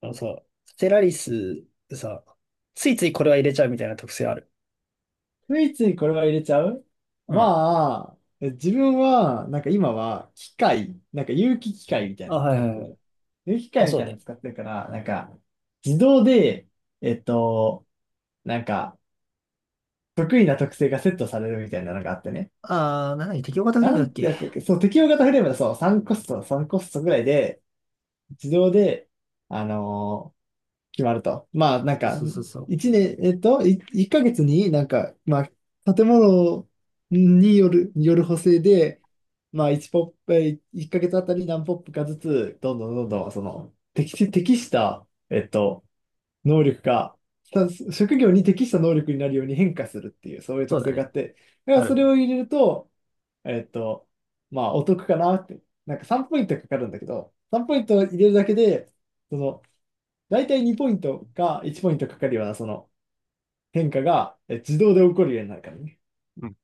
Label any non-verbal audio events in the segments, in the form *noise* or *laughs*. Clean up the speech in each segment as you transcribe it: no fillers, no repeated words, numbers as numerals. あのさ、ステラリスさ、ついついこれは入れちゃうみたいな特性ある。ついついこれは入れちゃう。うん。まあ、自分は、今は、機械、なんか有機機械みたいあ、なのをはい使はっいてはい。る。有機機あ、械みそうたいなのね。使ってるから、自動で、えっと、なんか、得意な特性がセットされるみたいなのがあってね。なんだっけ適応型グラムなだんってけ、やつだっけ。そう、適用型フレームだ。そう、3コストぐらいで、自動で、あの決まると。そうそうそうそ一う。年、一ヶ月になんか、まあ、建物による、による補正で、まあ、一ポップ、えー一ヶ月あたり何ポップかずつ、どんどんどんどん、適した、能力が、職業に適した能力になるように変化するっていう、そういうそ特うだ性があね。って、だかあらるそれね。を入れると、えっと、まあ、お得かなって。なんか3ポイントかかるんだけど、3ポイント入れるだけで、その、大体2ポイントか1ポイントかかるようなその変化が自動で起こるようになるからね。うん。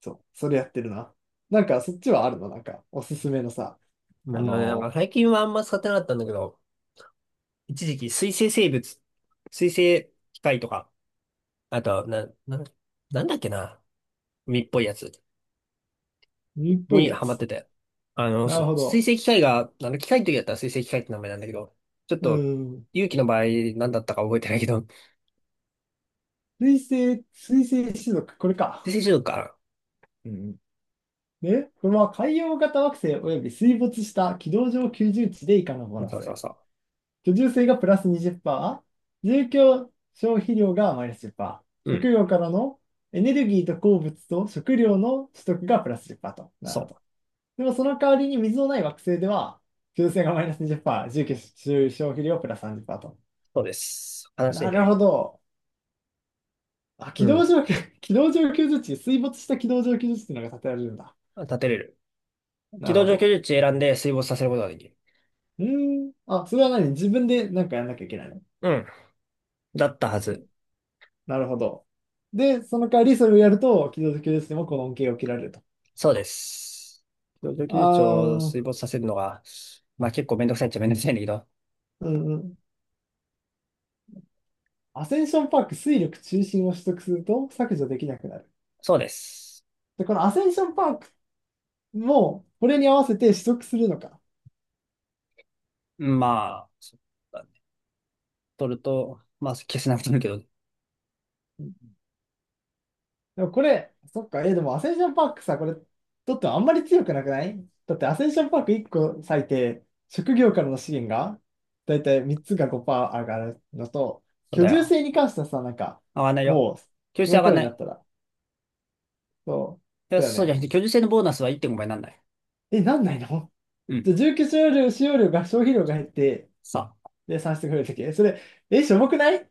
そう、それやってるな。なんかそっちはあるの、なんかおすすめのさ。なあんだろうね。なんかの最近はあんま使ってなかったんだけど、一時期水生生物、水生機械とか、あと、なんだっけな。海っぽいやつ海っぽいにやハマっつ。てて。なるほ水ど。生機械が、機械の時だったら水生機械って名前なんだけど、ちょっうと、ん。勇気の場合何だったか覚えてないけど、水生種族、これ水か。生中毒かな。うん。で、これは海洋型惑星及び水没した軌道上居住地で以下のボそーうナそうス。そうそ居住税がプラス20%、住居消費量がマイナスう。う10%、ん。食料からのエネルギーと鉱物と食料の取得がプラス10%と。なそるほど。う。でもその代わりに水のない惑星では、居住性がマイナス20%、住居消費量プラス30%と。そうです。悲しいなるほね。ど。あ、う軌道ん。上、*laughs* 軌道上居住地、水没した軌道上居住地っていうのが建てられるんだ。立てれる。軌なる道ほ上居ど。住地選んで水没させることができる。うーん。あ、それは何、自分でなんかやんなきゃいけないの？うん。だったはず。なるほど。で、その代わりそれをやると、軌道上居住地でもこの恩恵を受けられると。そうです。軌道上居あ住地を水あ、没させるのが、まあ結構めんどくさいっちゃめんどくさいんだけど。うんうん。アセンションパーク、水力中心を取得すると削除できなくなる。そうです。で、このアセンションパークも、これに合わせて取得するのか。まあ、そうだね。取ると、まあ消せなくなるけど、そうん。でもこれ、そっか、え、でもアセンションパークさ、これ、とってもあんまり強くなくない？だってアセンションパーク1個割いて、職業からの資源が、だいたい3つが5%上がるのと、う居だ住よ。性に関してはさ、上がんないよ。もう、居住そ性の上がん頃なになっい。たら、そいやだよそうじゃね。なくて、居住性のボーナスは1.5倍なんない。え、なんないの？うじん。ゃあ住居使用量、使用量が、消費量が減って、さあ。で、算出が増えるとき。えそれ、え、しょぼくない？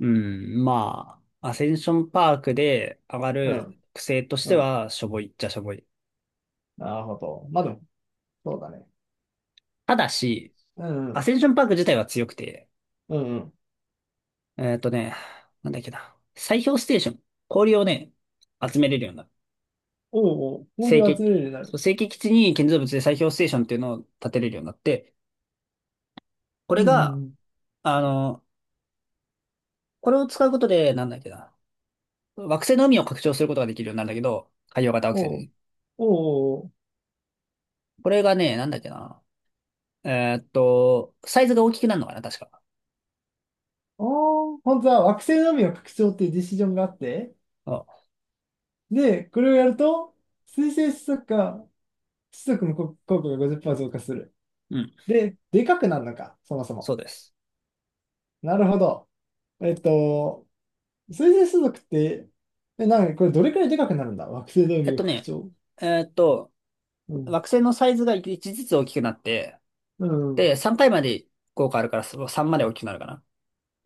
うん、まあ、アセンションパークで上がうるん。癖としうてん。は、しょぼいっちゃしょぼい。なるほど。まあでも、そうだね。ただし、うん、うアん。センションパーク自体は強くて、うんうん。えっとね、なんだっけな、砕氷ステーション、氷をね、集めれるようになる。おうおう、成氷を集め形るようになそう、る。成形基地に建造物で砕氷ステーションっていうのを建てれるようになって、こうれんうが、んうん。あの、これを使うことで、なんだっけな、惑星の海を拡張することができるようになるんだけど、海洋型惑星でおう、ね。おう、これがね、なんだっけな、サイズが大きくなるのかな、確か。おう。ああ、本当は惑星の海を拡張っていうディシジョンがあって、で、これをやると、水星子息か子息の効果が50%増加する。うん、で、でかくなるのか、そもそそも。うです。なるほど。えっと、水星子息って、え、なんかこれどれくらいでかくなるんだ、惑星のえっ海をと拡ね、張。えっと、うん惑星のサイズが1ずつ大きくなって、うん。で、3体まで効果あるからその3まで大きくなるかな。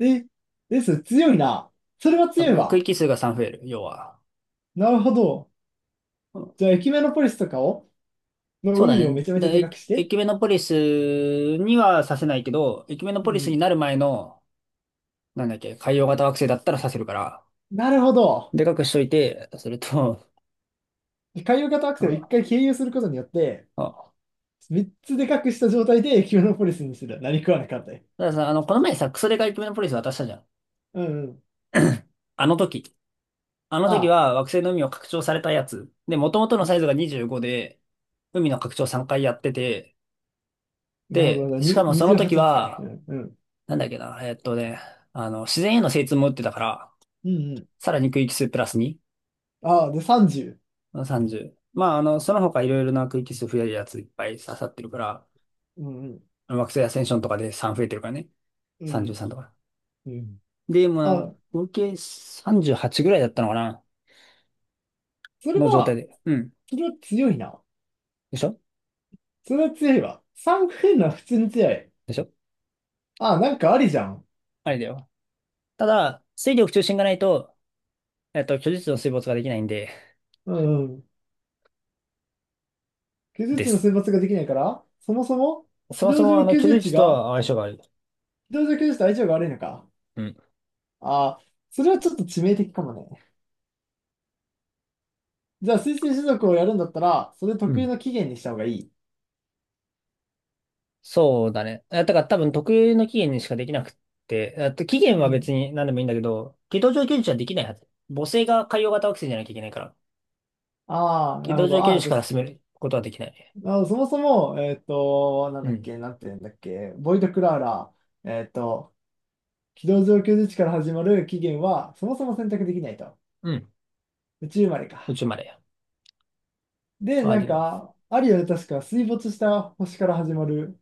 え、です、強いな。それはだ強かいら区わ。域数が3増える、要は。なるほど。うん、じゃあ、エキメノポリスとかを、のそうだ海をね。めちゃめちで、ゃでかくしエて。キメノポリスにはさせないけど、エキメノうポリスにん。なる前の、なんだっけ、海洋型惑星だったらさせるから、なるほど。でかくしといて、それと、で、海洋型惑星を一 *laughs* あ回経由することによって、あ、三つでかくした状態でエキメノポリスにする。何食わなかったよ。たださ、この前さ、クソデカエキメノポリス渡したじゃん。うんうん。あの時。あの時あは惑星の海を拡張されたやつ。で、元々のサに、イズが25で、海の拡張3回やってて、なるほで、ど。しかにもその時28扱い。うは、んうん。なんだっけな、自然への精通も打ってたから、うんうん。さらに区域数プラス2、ああ、で、30。30。まあ、その他いろいろな区域数増えるやついっぱい刺さってるから、うんうん。あの惑星アセンションとかで3増えてるからね。うん33とか。うん。で、まあ、あ、合計38ぐらいだったのかなそれの状態は、で。うん。それは強いな。でしょ。それは強いわ。三フェンは普通に強い。でしょ。あ、なんかありじゃん。あれだよ。ただ、水力中心がないと、居住地の水没ができないんで、うんうん。居住で地のす。選抜ができないから、そもそも、そ非もそ同も、上居居住住地地とが、は相性が悪い。非同情居住地と相性が悪いのか。うん。ああ、それはちょっと致命的かもね。じゃあ、推薦種族をやるんだったら、それう得意ん。の起源にした方がいい。そうだね。だから多分特有の期限にしかできなくって、期限うはん。別に何でもいいんだけど、軌道上居住地はできないはず。母性が海洋型惑星じゃなきゃいけないから、ああ、軌なるほ道上ど。居あ住あ、地じゃから進めることはできないね。あ、そもそも、うん。なんて言うんだっけ、ボイド・クラーラ、えっと、非同情居住地から始まる起源は、そもそも選択できないと。うん。宇宙生まれ宇か。宙までで、はなんできない。か、アリアで確か水没した星から始まる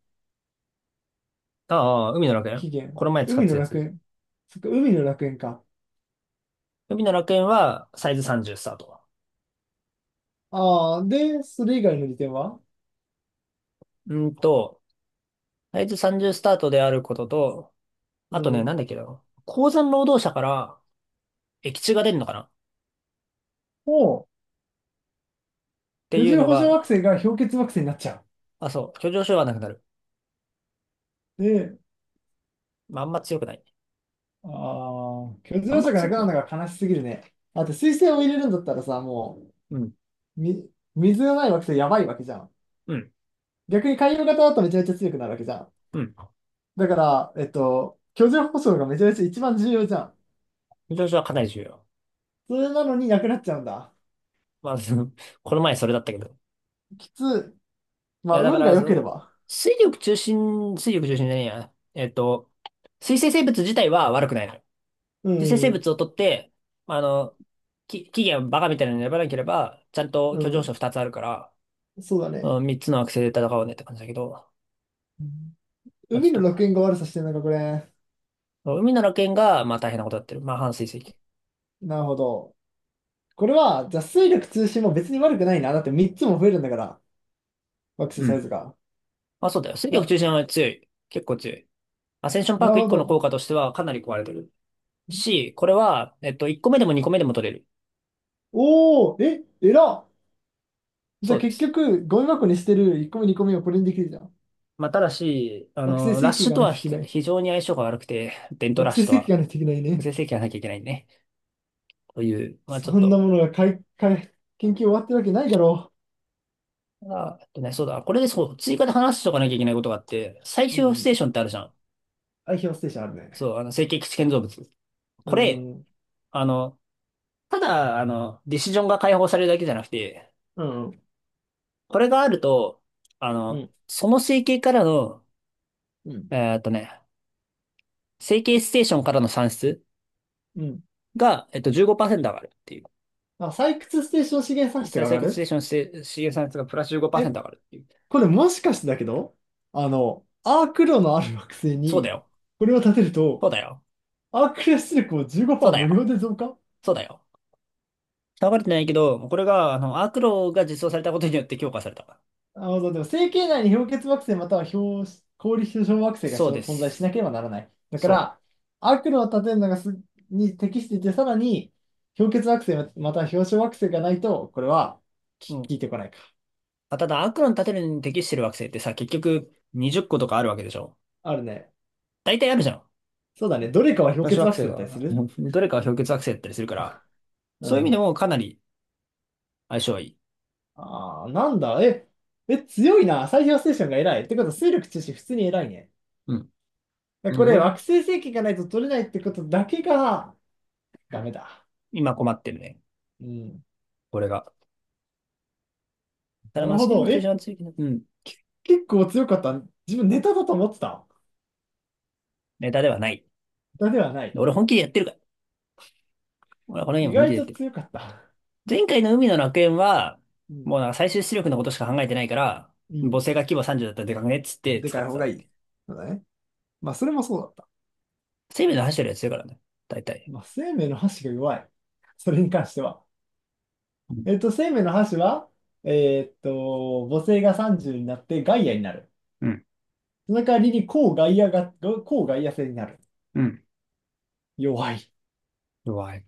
ああ、海の楽園起こ源。の前使っ海てたのや楽つ。園。そっか、海の楽園か。海の楽園はサイズ30スタート。ああ、で、それ以外の利点は？うんと、サイズ30スタートであることと、あうとね、なん。んだっけな。鉱山労働者から液中が出るのかなっもてう、居いう住の保障惑が、星が氷結惑星になっちゃあ、そう、居上症はなくなる。う。で、まあ、あんま強くない。ああ、居住あん保ま障がな強くくなない。るのが悲しすぎるね。あと、水星を入れるんだったらさ、もうん、う、み、水がない惑星やばいわけじゃん。うん、逆に海洋型だとめちゃめちゃ強くなるわけじゃん。うん。だから、居住保障がめちゃめちゃ一番重要じゃん。居上症はかなり重要。それなのになくなっちゃうんだ。まあ、*laughs* この前それだったけど。きつ、まいあ、や、だか運がら、良けそれう、ば。水力中心じゃねえや。水生生物自体は悪くないのよ。う水生生ん、物を取って、まあの、起源をバカみたいなの選ばなければ、ちゃんとう居上症ん、2つあるから、そうだうね。ん、3つの惑星で戦おうねって感じだけど、うん。まあ、ちょっ海のと、楽園が悪さしてるのか、これ。海の楽園が、まあ大変なことやってる。まあ半水石。なるほど。これは、じゃあ、水力通信も別に悪くないな。だって3つも増えるんだから、惑星うサイん。ズが。まあそうだよ。水力あ、中心は強い。結構強い。アセンションパなーるク1ほ個の効ど。果としてはかなり壊れてる。これは、1個目でも2個目でも取れる。おー、え、えらっ。じゃそあうで結す。局、ゴミ箱にしてる1個目2個目をこれにできるじゃん。まあただし、惑星ラッ石器シュがとないはといけない。非常に相性が悪くて、伝統惑ラッシ星ュと石器は、がないといけない無ね。制制限がなきゃいけないね。という、まあちょっそんなと、ものがかいかい研究終わってるわけないだろあ、そうだ。これでそう、追加で話しておかなきゃいけないことがあって、最う。うん終うスん。テーションってあるじゃん。アイヒョステーションあるね。そう、成形基地建造物。うこれ、ん、うん、あの、ただ、ディシジョンが解放されるだけじゃなくて、うん、うん。これがあると、うんその整形からの、うん。えーっとね、整形ステーションからの算出うん。が、15%上がるっていあ、採掘ステーション資源産う。出再が上採が掘ステーる。ションして資源産出がプラスえ、15%上がるっていう。これもしかしてだけど、あの、アーク炉のある惑星そうだに、よ。これを建てるそと、うだよ。アークレ出力をそうだ15%無料よ。で増加。そうだよ。下がれてないけど、これが、アークロが実装されたことによって強化された。あの、でも、星系内に氷結惑星または氷、氷結晶惑星がそしうょで存在しなす。ければならない。だかそら、アーク炉を建てるのがすに適していて、さらに、氷結惑星または氷晶惑星がないと、これは、う。うきん。聞いてこないか。あ、ただ、アークロの建てるのに適してる惑星ってさ、結局20個とかあるわけでしょ。あるね。大体あるじゃん。そうだね。どれかは氷男子結惑惑星星だったりすは、る。 *laughs* どれかは氷結惑星だったりするから、うそういう意味でん。もかなり相性はいい。ああ、なんだ、え、え、強いな。最強ステーションが偉い。ってことは、水力中心普通に偉いね。うん。うこれ、惑ん。星星系がないと取れないってことだけが、ダメだ。今困ってるね。うん。俺が。たなだ、るマスほテリングど。駐車え、場ついてる。うん。結構強かった。自分ネタだと思ってた。ネタではない。ネタではない。俺本気でやってるから。俺はこのゲー意ム本気で外やっとてる。強かった。前回の海の楽園は、うん。もうなんか最終出力のことしか考えてないから、う母ん。性が規模30だったらでかくねっつってで使かっいて方がた。いい。そうだね。まあ、それもそうだった。生命の走ってるやつ強いからね。大体。まあ、生命の箸が弱い。それに関しては。うん。えっと、生命の箸は、えーっと、母性が30になってガイアになる。うん。その代わりに、抗外野が、抗外野性になる。うん、弱い。弱い。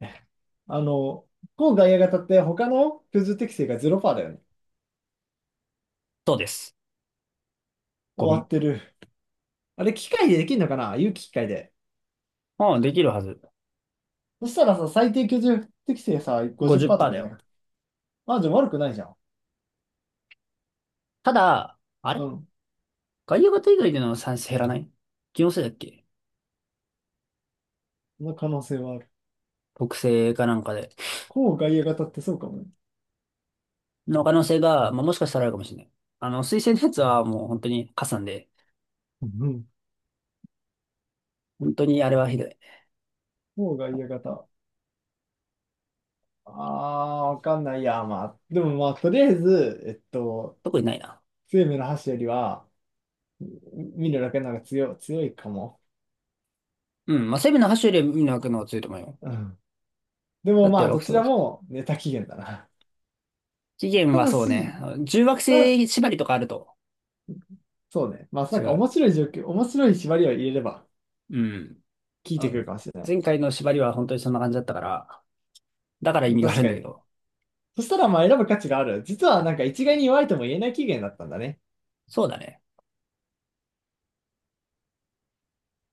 *laughs* あの、抗外野型って他の居住適性が0%だよね。そうです。ゴ終わミ。ってる。あれ、機械でできるのかな、有機機械で。うん、できるはず。そしたらさ、最低居住適性さ、50%とかじ50%ゃだなよ。くて。あ、じゃあ悪くないじゃん。ただ、あうれん。外野型以外での算成減らない、気のせいだっけ、その可能性はある。特性かなんかで。抗外野型ってそうかもね。の可能性が、まあ、もしかしたらあるかもしれない。推薦のやつはもう本当に加算で、うんう本当にあれはひどい。抗外野型。ああ、わかんないや。まあ、でもまあ、とりあえず、特にないな。生命の箸よりは、見るだけなんか強いかも。うん、まあ、セブンの8種より見のくのはが強いと思うよ。うん。でもだってまあ、ど惑星ちは、らもネタ期限だな。期限たはだそうね、し、あの重惑ただ、星縛りとかあるとそうね。まあ、な違んかう。面白い縛りを入れれば、うん。効いあてくるの、かもしれない。前回の縛りは本当にそんな感じだったから、だから意味があ確るんかだけに。ど。そしたらまあ、選ぶ価値がある。実はなんか一概に弱いとも言えない期限だったんだね。そうだね。